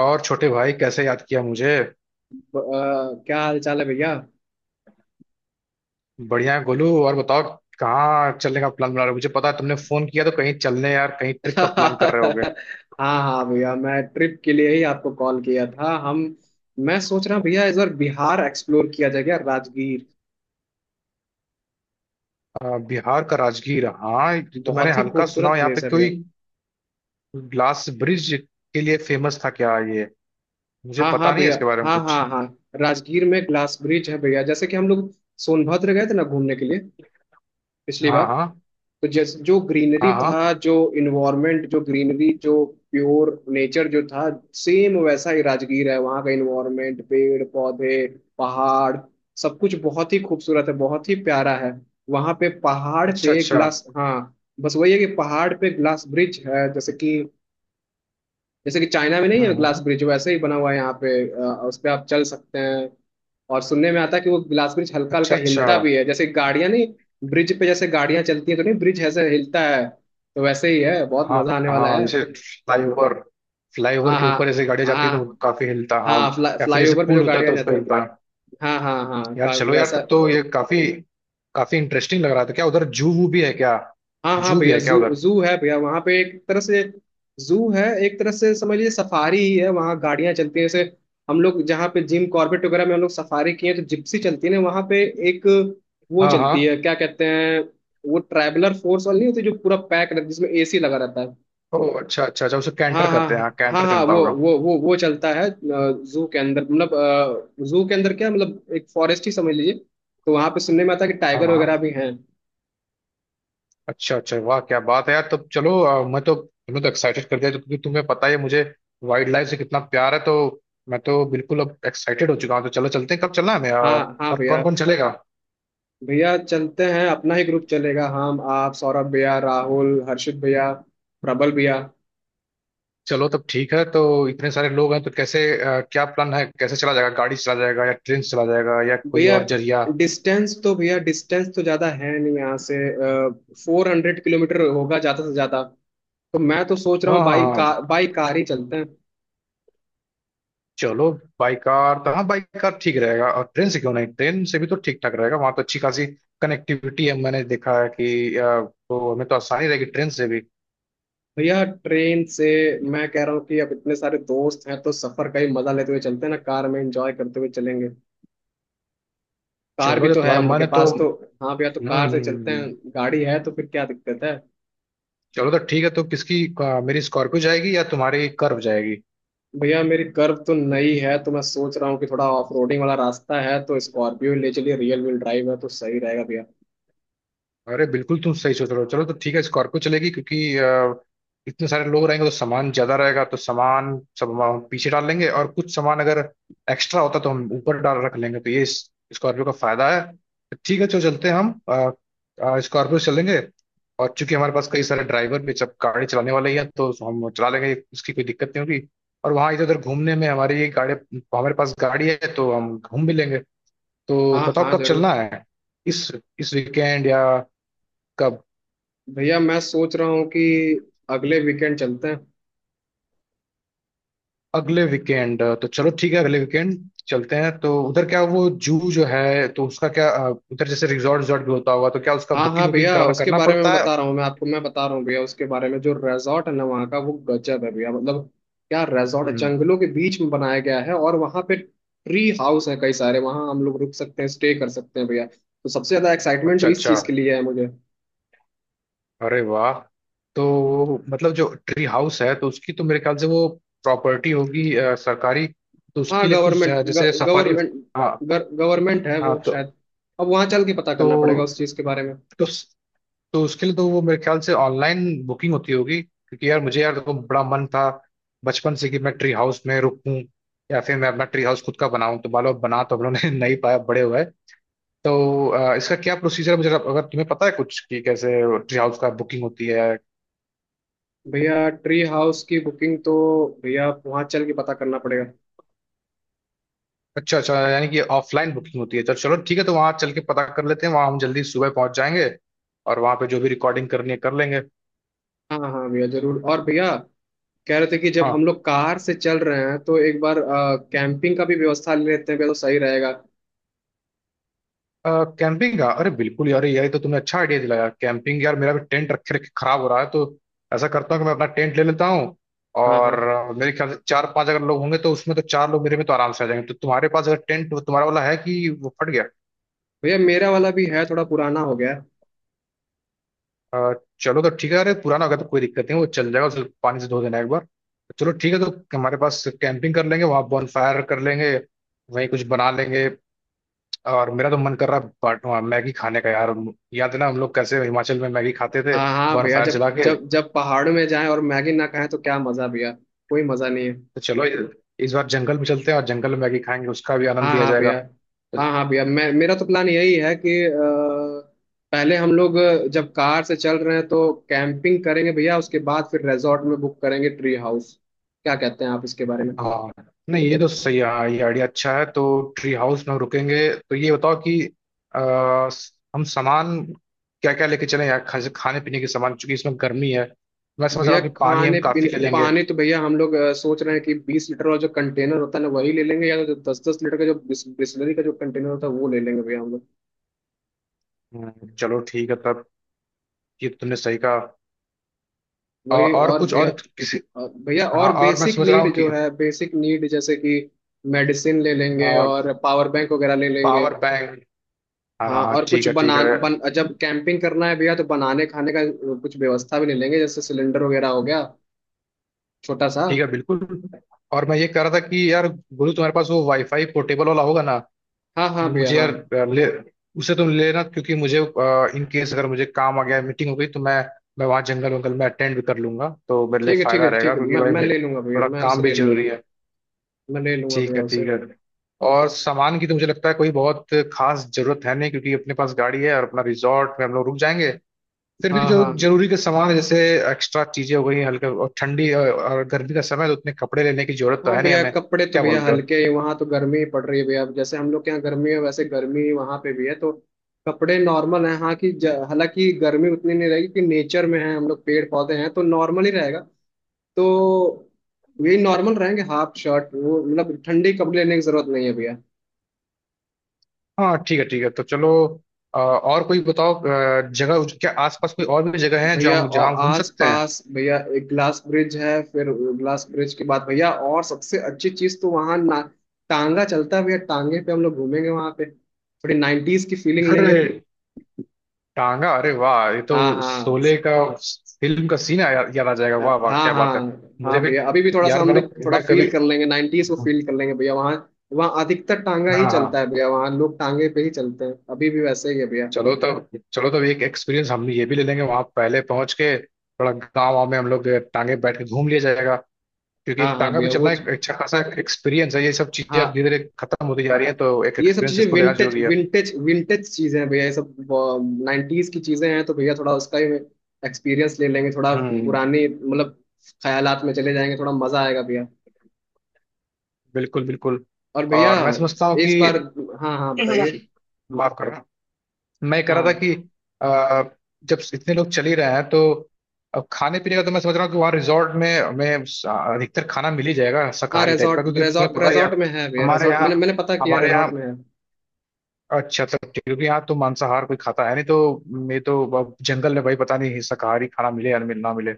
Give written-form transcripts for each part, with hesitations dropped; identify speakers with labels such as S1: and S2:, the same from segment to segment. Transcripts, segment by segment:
S1: और छोटे भाई कैसे याद किया मुझे।
S2: क्या हाल चाल है भैया।
S1: बढ़िया है गोलू, और बताओ, कहाँ चलने का प्लान बना रहे हो? मुझे पता है तुमने फोन किया तो कहीं चलने, यार कहीं ट्रिप का प्लान कर रहे होगे।
S2: हाँ हाँ भैया, मैं ट्रिप के लिए ही आपको कॉल किया था। हम मैं सोच रहा हूँ भैया, इस बार बिहार एक्सप्लोर किया जाए क्या। राजगीर
S1: बिहार का राजगीर, हाँ ये तो मैंने
S2: बहुत ही
S1: हल्का सुना
S2: खूबसूरत
S1: हो, यहाँ पे
S2: प्लेस है भैया।
S1: कोई ग्लास ब्रिज के लिए फेमस था क्या ये? मुझे
S2: हाँ हाँ
S1: पता नहीं है
S2: भैया।
S1: इसके बारे में
S2: हाँ
S1: कुछ।
S2: हाँ हाँ। राजगीर में ग्लास ब्रिज है भैया, जैसे कि हम लोग सोनभद्र गए थे ना घूमने के लिए पिछली बार।
S1: हाँ हाँ।
S2: तो जैसे जो ग्रीनरी
S1: हाँ हाँ।
S2: था, जो इन्वायरमेंट, जो ग्रीनरी जो प्योर नेचर जो था, सेम वैसा ही राजगीर है। वहाँ का इन्वायरमेंट, पेड़ पौधे, पहाड़, सब कुछ बहुत ही खूबसूरत है, बहुत ही प्यारा है। वहाँ पे पहाड़
S1: अच्छा
S2: पे
S1: अच्छा।
S2: ग्लास, हाँ। बस वही है कि पहाड़ पे ग्लास ब्रिज है, जैसे कि चाइना में नहीं
S1: हम्म
S2: है ग्लास
S1: हम्म,
S2: ब्रिज, वैसे ही बना हुआ है यहाँ पे। उस पे आप चल सकते हैं। और सुनने में आता है कि वो ग्लास ब्रिज हल्का
S1: अच्छा
S2: हल्का
S1: अच्छा।
S2: हिलता भी है। जैसे गाड़ियां नहीं, ब्रिज पे जैसे गाड़ियां चलती हैं तो नहीं, ब्रिज ऐसे हिलता है, तो वैसे ही है। बहुत
S1: हाँ
S2: मजा आने वाला
S1: हाँ,
S2: है।
S1: जैसे फ्लाईओवर फ्लाईओवर
S2: हाँ
S1: के
S2: हाँ
S1: ऊपर जैसे गाड़ी जाती है तो
S2: हाँ।
S1: काफी हिलता, हाँ।
S2: हाँ
S1: या फिर
S2: फ्लाई
S1: जैसे
S2: ओवर पे जो
S1: पुल होता है
S2: गाड़ियां
S1: तो उस पर
S2: जाती हैं।
S1: हिलता।
S2: हाँ हाँ हाँ
S1: यार चलो यार,
S2: वैसा।
S1: तब तो ये काफी काफी इंटरेस्टिंग लग रहा था। क्या उधर जू वू भी है क्या?
S2: हाँ हाँ
S1: जू भी
S2: भैया,
S1: है क्या
S2: जू
S1: उधर?
S2: जू है भैया वहाँ पे, एक तरह से। जू है, एक तरह से समझ लीजिए सफारी ही है। वहाँ गाड़ियाँ चलती हैं जैसे हम लोग जहाँ पे जिम कॉर्बेट वगैरह में हम लोग सफारी किए हैं, तो जिप्सी चलती है ना वहाँ पे एक, वो
S1: हाँ
S2: चलती
S1: हाँ।
S2: है, क्या कहते हैं, वो ट्रैवलर फोर्स वाली। नहीं होती जो पूरा पैक रहती है, जिसमें एसी लगा रहता है।
S1: ओ अच्छा अच्छा अच्छा, उसे कैंटर
S2: हाँ हाँ
S1: कहते हैं, हाँ
S2: हाँ।
S1: कैंटर
S2: हाँ
S1: चलता
S2: वो
S1: होगा।
S2: वो वो वो चलता है। जू के अंदर क्या मतलब, एक फॉरेस्ट ही समझ लीजिए। तो वहाँ पे सुनने में आता है कि
S1: हाँ
S2: टाइगर
S1: हाँ।
S2: वगैरह भी हैं।
S1: अच्छा अच्छा, वाह क्या बात है यार, तब चलो। मैं तो, तुम्हें तो एक्साइटेड कर दिया, क्योंकि तुम्हें पता ही है मुझे वाइल्ड लाइफ से कितना प्यार है। तो मैं तो बिल्कुल अब एक्साइटेड हो चुका हूँ, तो चलो चलते हैं। कब चलना है हमें,
S2: हाँ हाँ
S1: और कौन
S2: भैया।
S1: कौन चलेगा?
S2: भैया चलते हैं, अपना ही ग्रुप चलेगा। हम, आप, सौरभ भैया, राहुल, हर्षित भैया, प्रबल भैया।
S1: चलो तब ठीक है। तो इतने सारे लोग हैं तो कैसे, क्या प्लान है? कैसे चला जाएगा, गाड़ी से चला जाएगा या ट्रेन से चला जाएगा या कोई
S2: भैया
S1: और जरिया?
S2: भैया डिस्टेंस तो ज़्यादा है नहीं यहाँ से। 400 किलोमीटर होगा ज़्यादा से ज़्यादा। तो मैं तो सोच रहा
S1: हाँ
S2: हूँ
S1: हाँ हाँ।
S2: बाई कार ही चलते हैं।
S1: चलो, बाई कार तो, हाँ बाई कार ठीक रहेगा। और ट्रेन से क्यों नहीं? ट्रेन से भी तो ठीक ठाक रहेगा, वहां तो अच्छी खासी कनेक्टिविटी है, मैंने देखा है कि तो हमें तो आसानी रहेगी ट्रेन से भी।
S2: भैया ट्रेन से मैं कह रहा हूँ कि अब इतने सारे दोस्त हैं, तो सफ़र का ही मज़ा लेते हुए चलते हैं ना, कार में एंजॉय करते हुए चलेंगे। कार भी
S1: चलो जब
S2: तो है
S1: तुम्हारा
S2: हम लोग
S1: मन
S2: के
S1: है तो,
S2: पास तो।
S1: हम्म।
S2: हाँ भैया, तो कार
S1: हम्म।
S2: से चलते हैं,
S1: हम्म।
S2: गाड़ी है तो फिर क्या दिक्कत है।
S1: चलो तो ठीक है। तो किसकी, मेरी स्कॉर्पियो जाएगी या तुम्हारी कर्व जाएगी?
S2: भैया मेरी कर्व तो नई है, तो मैं सोच रहा हूँ कि थोड़ा ऑफ रोडिंग वाला रास्ता है, तो स्कॉर्पियो ले चलिए, रियल व्हील ड्राइव है तो सही रहेगा भैया।
S1: अरे बिल्कुल, तुम सही सोच रहे हो, चलो तो ठीक है, स्कॉर्पियो चलेगी। क्योंकि इतने सारे लोग रहेंगे तो सामान ज्यादा रहेगा, तो सामान सब हम पीछे डाल लेंगे, और कुछ सामान अगर एक्स्ट्रा होता तो हम ऊपर डाल रख लेंगे, तो ये स्कॉर्पियो का फायदा है। तो ठीक है, चलो चलते हैं हम, स्कॉर्पियो से चलेंगे। और चूंकि हमारे पास कई सारे ड्राइवर भी, सब गाड़ी चलाने वाले ही हैं, तो हम चला लेंगे, इसकी कोई दिक्कत नहीं होगी। और वहाँ इधर उधर घूमने में हमारी गाड़ी, हमारे पास गाड़ी है तो हम घूम भी लेंगे तो।
S2: हाँ
S1: बताओ
S2: हाँ
S1: कब
S2: जरूर।
S1: चलना है, इस इस वीकेंड या कब?
S2: भैया मैं सोच रहा हूँ कि अगले वीकेंड चलते हैं।
S1: अगले वीकेंड, तो चलो ठीक है, अगले वीकेंड चलते हैं। तो उधर क्या वो जू जो है, तो उसका क्या, उधर जैसे रिजॉर्ट, रिजॉर्ट भी होता होगा, तो क्या उसका
S2: हाँ
S1: बुकिंग
S2: हाँ भैया,
S1: वुकिंग कराना
S2: उसके
S1: करना
S2: बारे में मैं
S1: पड़ता है?
S2: बता रहा हूँ। मैं आपको मैं बता रहा हूँ भैया उसके बारे में। जो रिजॉर्ट है ना वहाँ का, वो गजब है भैया। मतलब क्या रिजॉर्ट,
S1: हम्म,
S2: जंगलों के बीच में बनाया गया है, और वहाँ पे ट्री हाउस है कई सारे, वहाँ हम लोग रुक सकते हैं, स्टे कर सकते हैं भैया। तो सबसे ज्यादा एक्साइटमेंट तो
S1: अच्छा
S2: इस
S1: अच्छा,
S2: चीज के लिए है मुझे।
S1: अरे वाह। तो मतलब जो ट्री हाउस है, तो उसकी तो मेरे ख्याल से वो प्रॉपर्टी होगी, सरकारी। तो
S2: हाँ
S1: उसके लिए कुछ,
S2: गवर्नमेंट,
S1: जैसे सफारी।
S2: गवर्नमेंट
S1: हाँ
S2: गवर्नमेंट है
S1: हाँ।
S2: वो
S1: तो
S2: शायद। अब वहाँ चल के पता करना पड़ेगा
S1: तो,
S2: उस चीज़ के बारे में।
S1: तो तो उसके लिए तो वो मेरे ख्याल से ऑनलाइन बुकिंग होती होगी। क्योंकि यार मुझे, यार देखो, बड़ा मन था बचपन से कि मैं ट्री हाउस में रुकूं, या फिर मैं अपना ट्री हाउस खुद का बनाऊं। तो बालो बना तो हम लोगों ने नहीं पाया, बड़े हुए। तो इसका क्या प्रोसीजर है, मुझे अगर तुम्हें पता है कुछ कि कैसे ट्री हाउस का बुकिंग होती है?
S2: भैया ट्री हाउस की बुकिंग तो भैया वहाँ चल के पता करना पड़ेगा।
S1: अच्छा अच्छा, यानी कि ऑफलाइन बुकिंग होती है, तो चलो ठीक है, तो वहाँ चल के पता कर लेते हैं, वहाँ हम जल्दी सुबह पहुंच जाएंगे और वहाँ पे जो भी रिकॉर्डिंग करनी है कर लेंगे।
S2: हाँ हाँ भैया जरूर। और भैया कह रहे थे कि जब हम
S1: हाँ।
S2: लोग कार से चल रहे हैं, तो एक बार कैंपिंग का भी व्यवस्था ले लेते हैं भैया, तो सही रहेगा।
S1: कैंपिंग का, अरे बिल्कुल यार, ये तो तुमने अच्छा आइडिया दिलाया, कैंपिंग। यार मेरा भी टेंट रखे रखे खराब हो रहा है, तो ऐसा करता हूँ कि मैं अपना टेंट ले लेता हूँ।
S2: हाँ
S1: और
S2: हाँ
S1: मेरे ख्याल से चार पांच अगर लोग होंगे तो उसमें तो चार लोग मेरे में तो आराम से आ जाएंगे। तो तुम्हारे पास अगर टेंट, तुम्हारा वाला है कि वो फट गया?
S2: भैया, मेरा वाला भी है थोड़ा पुराना हो गया है।
S1: चलो तो ठीक है, अरे पुराना होगा तो कोई दिक्कत नहीं, वो चल जाएगा, उसे पानी से धो देना एक बार। तो चलो ठीक है, तो हमारे पास कैंपिंग कर लेंगे, वहाँ बॉनफायर कर लेंगे, वहीं कुछ बना लेंगे। और मेरा तो मन कर रहा है मैगी खाने का यार। याद है ना हम लोग कैसे हिमाचल में मैगी खाते थे,
S2: हाँ हाँ भैया,
S1: बॉनफायर
S2: जब
S1: जला के।
S2: जब जब पहाड़ में जाएं और मैगी ना खाएं तो क्या मज़ा भैया, कोई मज़ा नहीं है।
S1: तो चलो इस बार जंगल में चलते हैं, और जंगल में मैगी खाएंगे, उसका भी आनंद
S2: हाँ
S1: लिया
S2: हाँ
S1: जाएगा
S2: भैया।
S1: तो।
S2: हाँ हाँ भैया, मैं मेरा तो प्लान यही है कि पहले हम लोग, जब कार से चल रहे हैं तो कैंपिंग करेंगे भैया, उसके बाद फिर रिजॉर्ट में बुक करेंगे ट्री हाउस। क्या कहते हैं आप इसके बारे में।
S1: हाँ। नहीं ये तो सही है, हाँ ये आइडिया अच्छा है। तो ट्री हाउस में हम रुकेंगे, तो ये बताओ कि हम सामान क्या क्या लेके चलें यार? खाने पीने के सामान, चूंकि इसमें गर्मी है, मैं समझ रहा
S2: भैया
S1: हूँ कि पानी हम
S2: खाने
S1: काफी
S2: पीने
S1: ले लेंगे।
S2: पानी तो भैया हम लोग सोच रहे हैं कि 20 लीटर वाला जो कंटेनर होता है ना वही ले लेंगे, या तो 10 10 लीटर का जो बिस्लरी का जो कंटेनर होता है वो ले लेंगे भैया हम लोग।
S1: चलो ठीक है तब, ये तो तुमने सही कहा। और,
S2: वही और
S1: कुछ
S2: भैया,
S1: और किसी।
S2: भैया
S1: हाँ,
S2: और
S1: और मैं
S2: बेसिक
S1: समझ रहा
S2: नीड
S1: हूँ कि
S2: जो है, बेसिक नीड जैसे कि मेडिसिन ले लेंगे और पावर बैंक वगैरह ले लेंगे।
S1: पावर बैंक, हाँ
S2: हाँ
S1: हाँ
S2: और कुछ
S1: ठीक है ठीक है।
S2: बना बन जब कैंपिंग करना है भैया तो बनाने खाने का कुछ व्यवस्था भी ले लेंगे, जैसे सिलेंडर वगैरह हो गया, छोटा सा।
S1: ठीक है बिल्कुल। और मैं ये कह रहा था कि यार गुरु, तुम्हारे पास वो वाईफाई पोर्टेबल वाला होगा ना,
S2: हाँ हाँ भैया।
S1: मुझे
S2: हाँ
S1: यार, अ, ले उसे तुम लेना। क्योंकि मुझे, इन केस अगर मुझे काम आ गया, मीटिंग हो गई, तो मैं वहाँ जंगल वंगल में अटेंड भी कर लूंगा, तो मेरे लिए
S2: ठीक है ठीक
S1: फायदा
S2: है ठीक
S1: रहेगा,
S2: है,
S1: क्योंकि
S2: मैं
S1: भाई
S2: मैं
S1: मेरे
S2: ले लूंगा भैया,
S1: थोड़ा
S2: मैं
S1: काम
S2: उसे
S1: भी
S2: ले लूंगा।
S1: जरूरी है।
S2: मैं ले लूंगा
S1: ठीक
S2: भैया
S1: है
S2: उसे।
S1: ठीक है। और सामान की तो मुझे लगता है कोई बहुत खास जरूरत है नहीं, क्योंकि अपने पास गाड़ी है, और अपना रिजॉर्ट में हम लोग रुक जाएंगे। फिर भी
S2: हाँ
S1: जो
S2: हाँ
S1: जरूरी के सामान है, जैसे एक्स्ट्रा चीजें हो गई हैं, हल्का, और ठंडी, और गर्मी का समय है, तो उतने कपड़े लेने की जरूरत तो
S2: हाँ
S1: है नहीं
S2: भैया,
S1: हमें।
S2: कपड़े तो
S1: क्या
S2: भैया
S1: बोलते हो?
S2: हल्के ही, वहाँ तो गर्मी ही पड़ रही है भैया। अब जैसे हम लोग के यहाँ गर्मी है, वैसे गर्मी वहाँ पे भी है। तो कपड़े नॉर्मल हैं, हाँ कि हालांकि गर्मी उतनी नहीं रहेगी कि, नेचर में है हम लोग, पेड़ पौधे हैं तो नॉर्मल ही रहेगा। तो ये नॉर्मल रहेंगे, हाफ शर्ट वो, मतलब ठंडे कपड़े लेने की जरूरत नहीं है भैया।
S1: हाँ ठीक है ठीक है। तो चलो, और कोई बताओ जगह, क्या आसपास कोई और भी जगह है जो
S2: भैया
S1: हम, जहाँ
S2: और
S1: हम घूम
S2: आस
S1: सकते हैं?
S2: पास भैया एक ग्लास ब्रिज है, फिर ग्लास ब्रिज के बाद भैया, और सबसे अच्छी चीज तो वहाँ ना टांगा चलता है भैया। टांगे पे हम लोग घूमेंगे वहाँ पे, थोड़ी नाइन्टीज की फीलिंग लेंगे।
S1: अरे टांगा, अरे वाह ये तो
S2: हाँ हाँ।
S1: शोले का, फिल्म का सीन याद याद आ जाएगा,
S2: अ,
S1: वाह वाह
S2: हाँ
S1: क्या
S2: हाँ
S1: बात है। मुझे
S2: हाँ
S1: भी
S2: भैया, अभी भी थोड़ा सा
S1: यार,
S2: हम लोग थोड़ा
S1: मैं कभी,
S2: फील कर लेंगे, नाइन्टीज को
S1: हाँ
S2: फील कर लेंगे भैया वहाँ। वहाँ अधिकतर टांगा ही चलता है
S1: हाँ।
S2: भैया, वहाँ लोग टांगे पे ही चलते हैं अभी भी, वैसे ही है भैया।
S1: चलो तब, एक एक्सपीरियंस हम ये भी ले लेंगे, वहां पहले पहुंच के थोड़ा गाँव वाँव में हम लोग टांगे पे बैठ के घूम लिया जाएगा। क्योंकि
S2: हाँ
S1: एक
S2: हाँ
S1: टांगा पे
S2: भैया, वो
S1: चलना एक अच्छा खासा एक्सपीरियंस है, ये सब चीजें अब
S2: हाँ,
S1: धीरे धीरे खत्म होती जा रही है, तो एक
S2: ये सब
S1: एक्सपीरियंस
S2: चीजें
S1: इसको लेना
S2: विंटेज,
S1: जरूरी है।
S2: विंटेज चीजें हैं भैया ये सब, नाइन्टीज की चीजें हैं, तो भैया थोड़ा उसका ही एक्सपीरियंस ले लेंगे, थोड़ा
S1: हम्म।
S2: पुराने मतलब ख्यालात में चले जाएंगे, थोड़ा मजा आएगा भैया।
S1: बिल्कुल बिल्कुल।
S2: और भैया
S1: और मैं समझता हूँ कि,
S2: इस बार, हाँ हाँ बताइए।
S1: माफ करना, मैं कह रहा था
S2: हाँ
S1: कि आ, जब इतने लोग चल ही रहे हैं, तो अब खाने पीने का तो मैं समझ रहा हूँ कि वहाँ रिजॉर्ट में हमें अधिकतर खाना मिल ही जाएगा,
S2: हाँ
S1: शाकाहारी टाइप का,
S2: रिजॉर्ट,
S1: क्योंकि तुम्हें
S2: रिजॉर्ट
S1: पता ही है
S2: रिजॉर्ट में है भैया,
S1: हमारे
S2: रिजॉर्ट
S1: यहाँ
S2: मैंने मैंने पता किया,
S1: हमारे यहाँ।
S2: रिजॉर्ट में है।
S1: अच्छा तो ठीक है, क्योंकि यहाँ तो मांसाहार कोई खाता है नहीं, तो मैं तो अब जंगल में भाई पता नहीं शाकाहारी खाना मिले या ना मिले।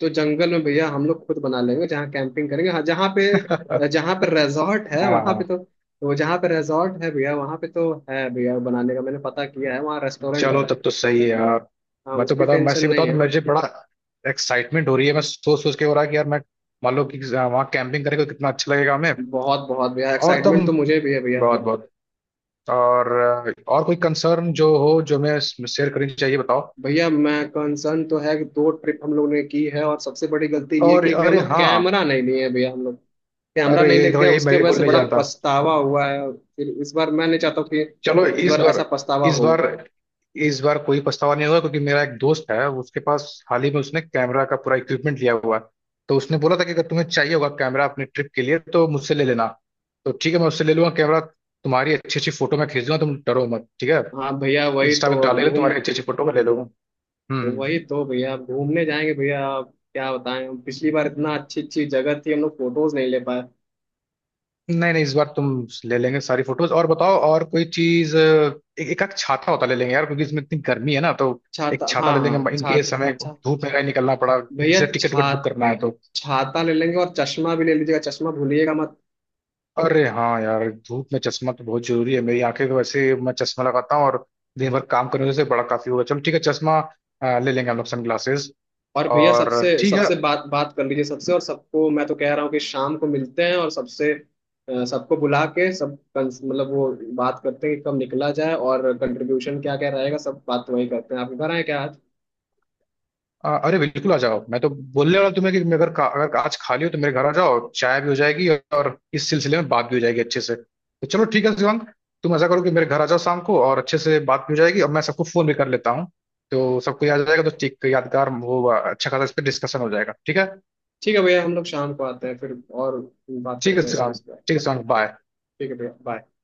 S2: तो जंगल में भैया हम लोग खुद बना लेंगे जहाँ कैंपिंग करेंगे। हाँ जहाँ पे, जहाँ पे रिजॉर्ट है
S1: हाँ।
S2: वहाँ पे तो, वो जहाँ पे रिजॉर्ट है भैया वहाँ पे तो है भैया बनाने का, मैंने पता किया है वहाँ रेस्टोरेंट
S1: चलो
S2: है।
S1: तब तो सही है यार।
S2: हाँ उसकी
S1: मैं
S2: टेंशन
S1: से
S2: नहीं
S1: बताऊँ तो,
S2: है।
S1: मुझे बड़ा एक्साइटमेंट हो रही है, मैं सोच सोच के हो रहा है कि यार मैं, मान लो कि, हाँ, वहाँ कैंपिंग करके कितना अच्छा लगेगा हमें।
S2: बहुत बहुत भैया
S1: और
S2: एक्साइटमेंट
S1: तुम,
S2: तो मुझे भी है भैया।
S1: बहुत बहुत। और, कोई कंसर्न जो हो जो मैं शेयर करनी चाहिए बताओ।
S2: भैया मैं कंसर्न तो है कि दो ट्रिप हम लोग ने की है, और सबसे बड़ी गलती ये
S1: और
S2: की भैया हम
S1: अरे
S2: लोग
S1: हाँ,
S2: कैमरा नहीं लिए हैं भैया, हम लोग कैमरा
S1: अरे
S2: नहीं
S1: ये
S2: ले
S1: तो
S2: गए,
S1: यही मैं
S2: उसके
S1: भी
S2: वजह से
S1: बोलने
S2: बड़ा
S1: जाता।
S2: पछतावा हुआ है। और फिर इस बार मैं नहीं चाहता हूँ कि
S1: चलो
S2: इस बार ऐसा पछतावा
S1: इस
S2: हो।
S1: बार इस बार कोई पछतावा नहीं होगा, क्योंकि मेरा एक दोस्त है, उसके पास हाल ही में उसने कैमरा का पूरा इक्विपमेंट लिया हुआ है। तो उसने बोला था कि अगर तुम्हें चाहिए होगा कैमरा अपने ट्रिप के लिए तो मुझसे ले लेना। तो ठीक है, मैं उससे ले लूंगा कैमरा, तुम्हारी अच्छी अच्छी फोटो मैं खींच दूंगा, तुम डरो मत, ठीक है।
S2: हाँ भैया,
S1: इंस्टा पे डालेगा, तुम्हारी अच्छी अच्छी फोटो मैं ले लूंगा। हम्म।
S2: वही तो भैया अब घूमने जाएंगे भैया, अब क्या बताएं हम, पिछली बार इतना अच्छी अच्छी जगह थी, हम लोग फोटोज नहीं ले पाए।
S1: नहीं नहीं, इस बार तुम ले लेंगे सारी फोटोज। और बताओ और कोई चीज, एक एक आध छाता होता ले लेंगे यार, क्योंकि इसमें इतनी गर्मी है ना, तो एक
S2: छाता
S1: छाता
S2: हाँ
S1: ले
S2: हाँ
S1: लेंगे,
S2: छा
S1: इनके समय
S2: छा
S1: धूप में कहीं निकलना पड़ा।
S2: भैया
S1: जैसे टिकट विकट बुक
S2: छाता,
S1: करना है तो,
S2: छाता ले लेंगे। और चश्मा भी ले लीजिएगा, चश्मा भूलिएगा मत।
S1: अरे हाँ यार, धूप में चश्मा तो बहुत जरूरी है, मेरी आंखें तो वैसे मैं चश्मा लगाता हूँ और दिन भर काम करने से बड़ा काफी होगा, चलो ठीक है, चश्मा ले लेंगे हम लोग, सन ग्लासेस।
S2: और भैया
S1: और
S2: सबसे
S1: ठीक है।
S2: सबसे बात बात कर लीजिए सबसे, और सबको, मैं तो कह रहा हूँ कि शाम को मिलते हैं, और सबसे सबको बुला के सब मतलब वो बात करते हैं कि कब निकला जाए, और कंट्रीब्यूशन क्या क्या रहेगा। सब बात तो वही करते हैं, आपके घर आए क्या आज।
S1: अरे बिल्कुल आ जाओ, मैं तो बोलने वाला तुम्हें कि अगर अगर आज खाली हो तो मेरे घर आ जाओ, चाय भी हो जाएगी और इस सिलसिले में बात भी हो जाएगी अच्छे से। तो चलो ठीक है शिवांग, तुम ऐसा करो कि मेरे घर आ जाओ शाम को, और अच्छे से बात भी हो जाएगी, और मैं सबको फोन भी कर लेता हूँ, तो सबको याद आ जाएगा, तो ठीक यादगार वो अच्छा खासा इस पर डिस्कशन हो जाएगा, ठीक है।
S2: ठीक है भैया, हम लोग शाम को आते हैं फिर और बात
S1: ठीक है
S2: करते हैं इसके
S1: शिवांग,
S2: इस पर।
S1: ठीक है शिवांग, बाय।
S2: ठीक है भैया, बाय।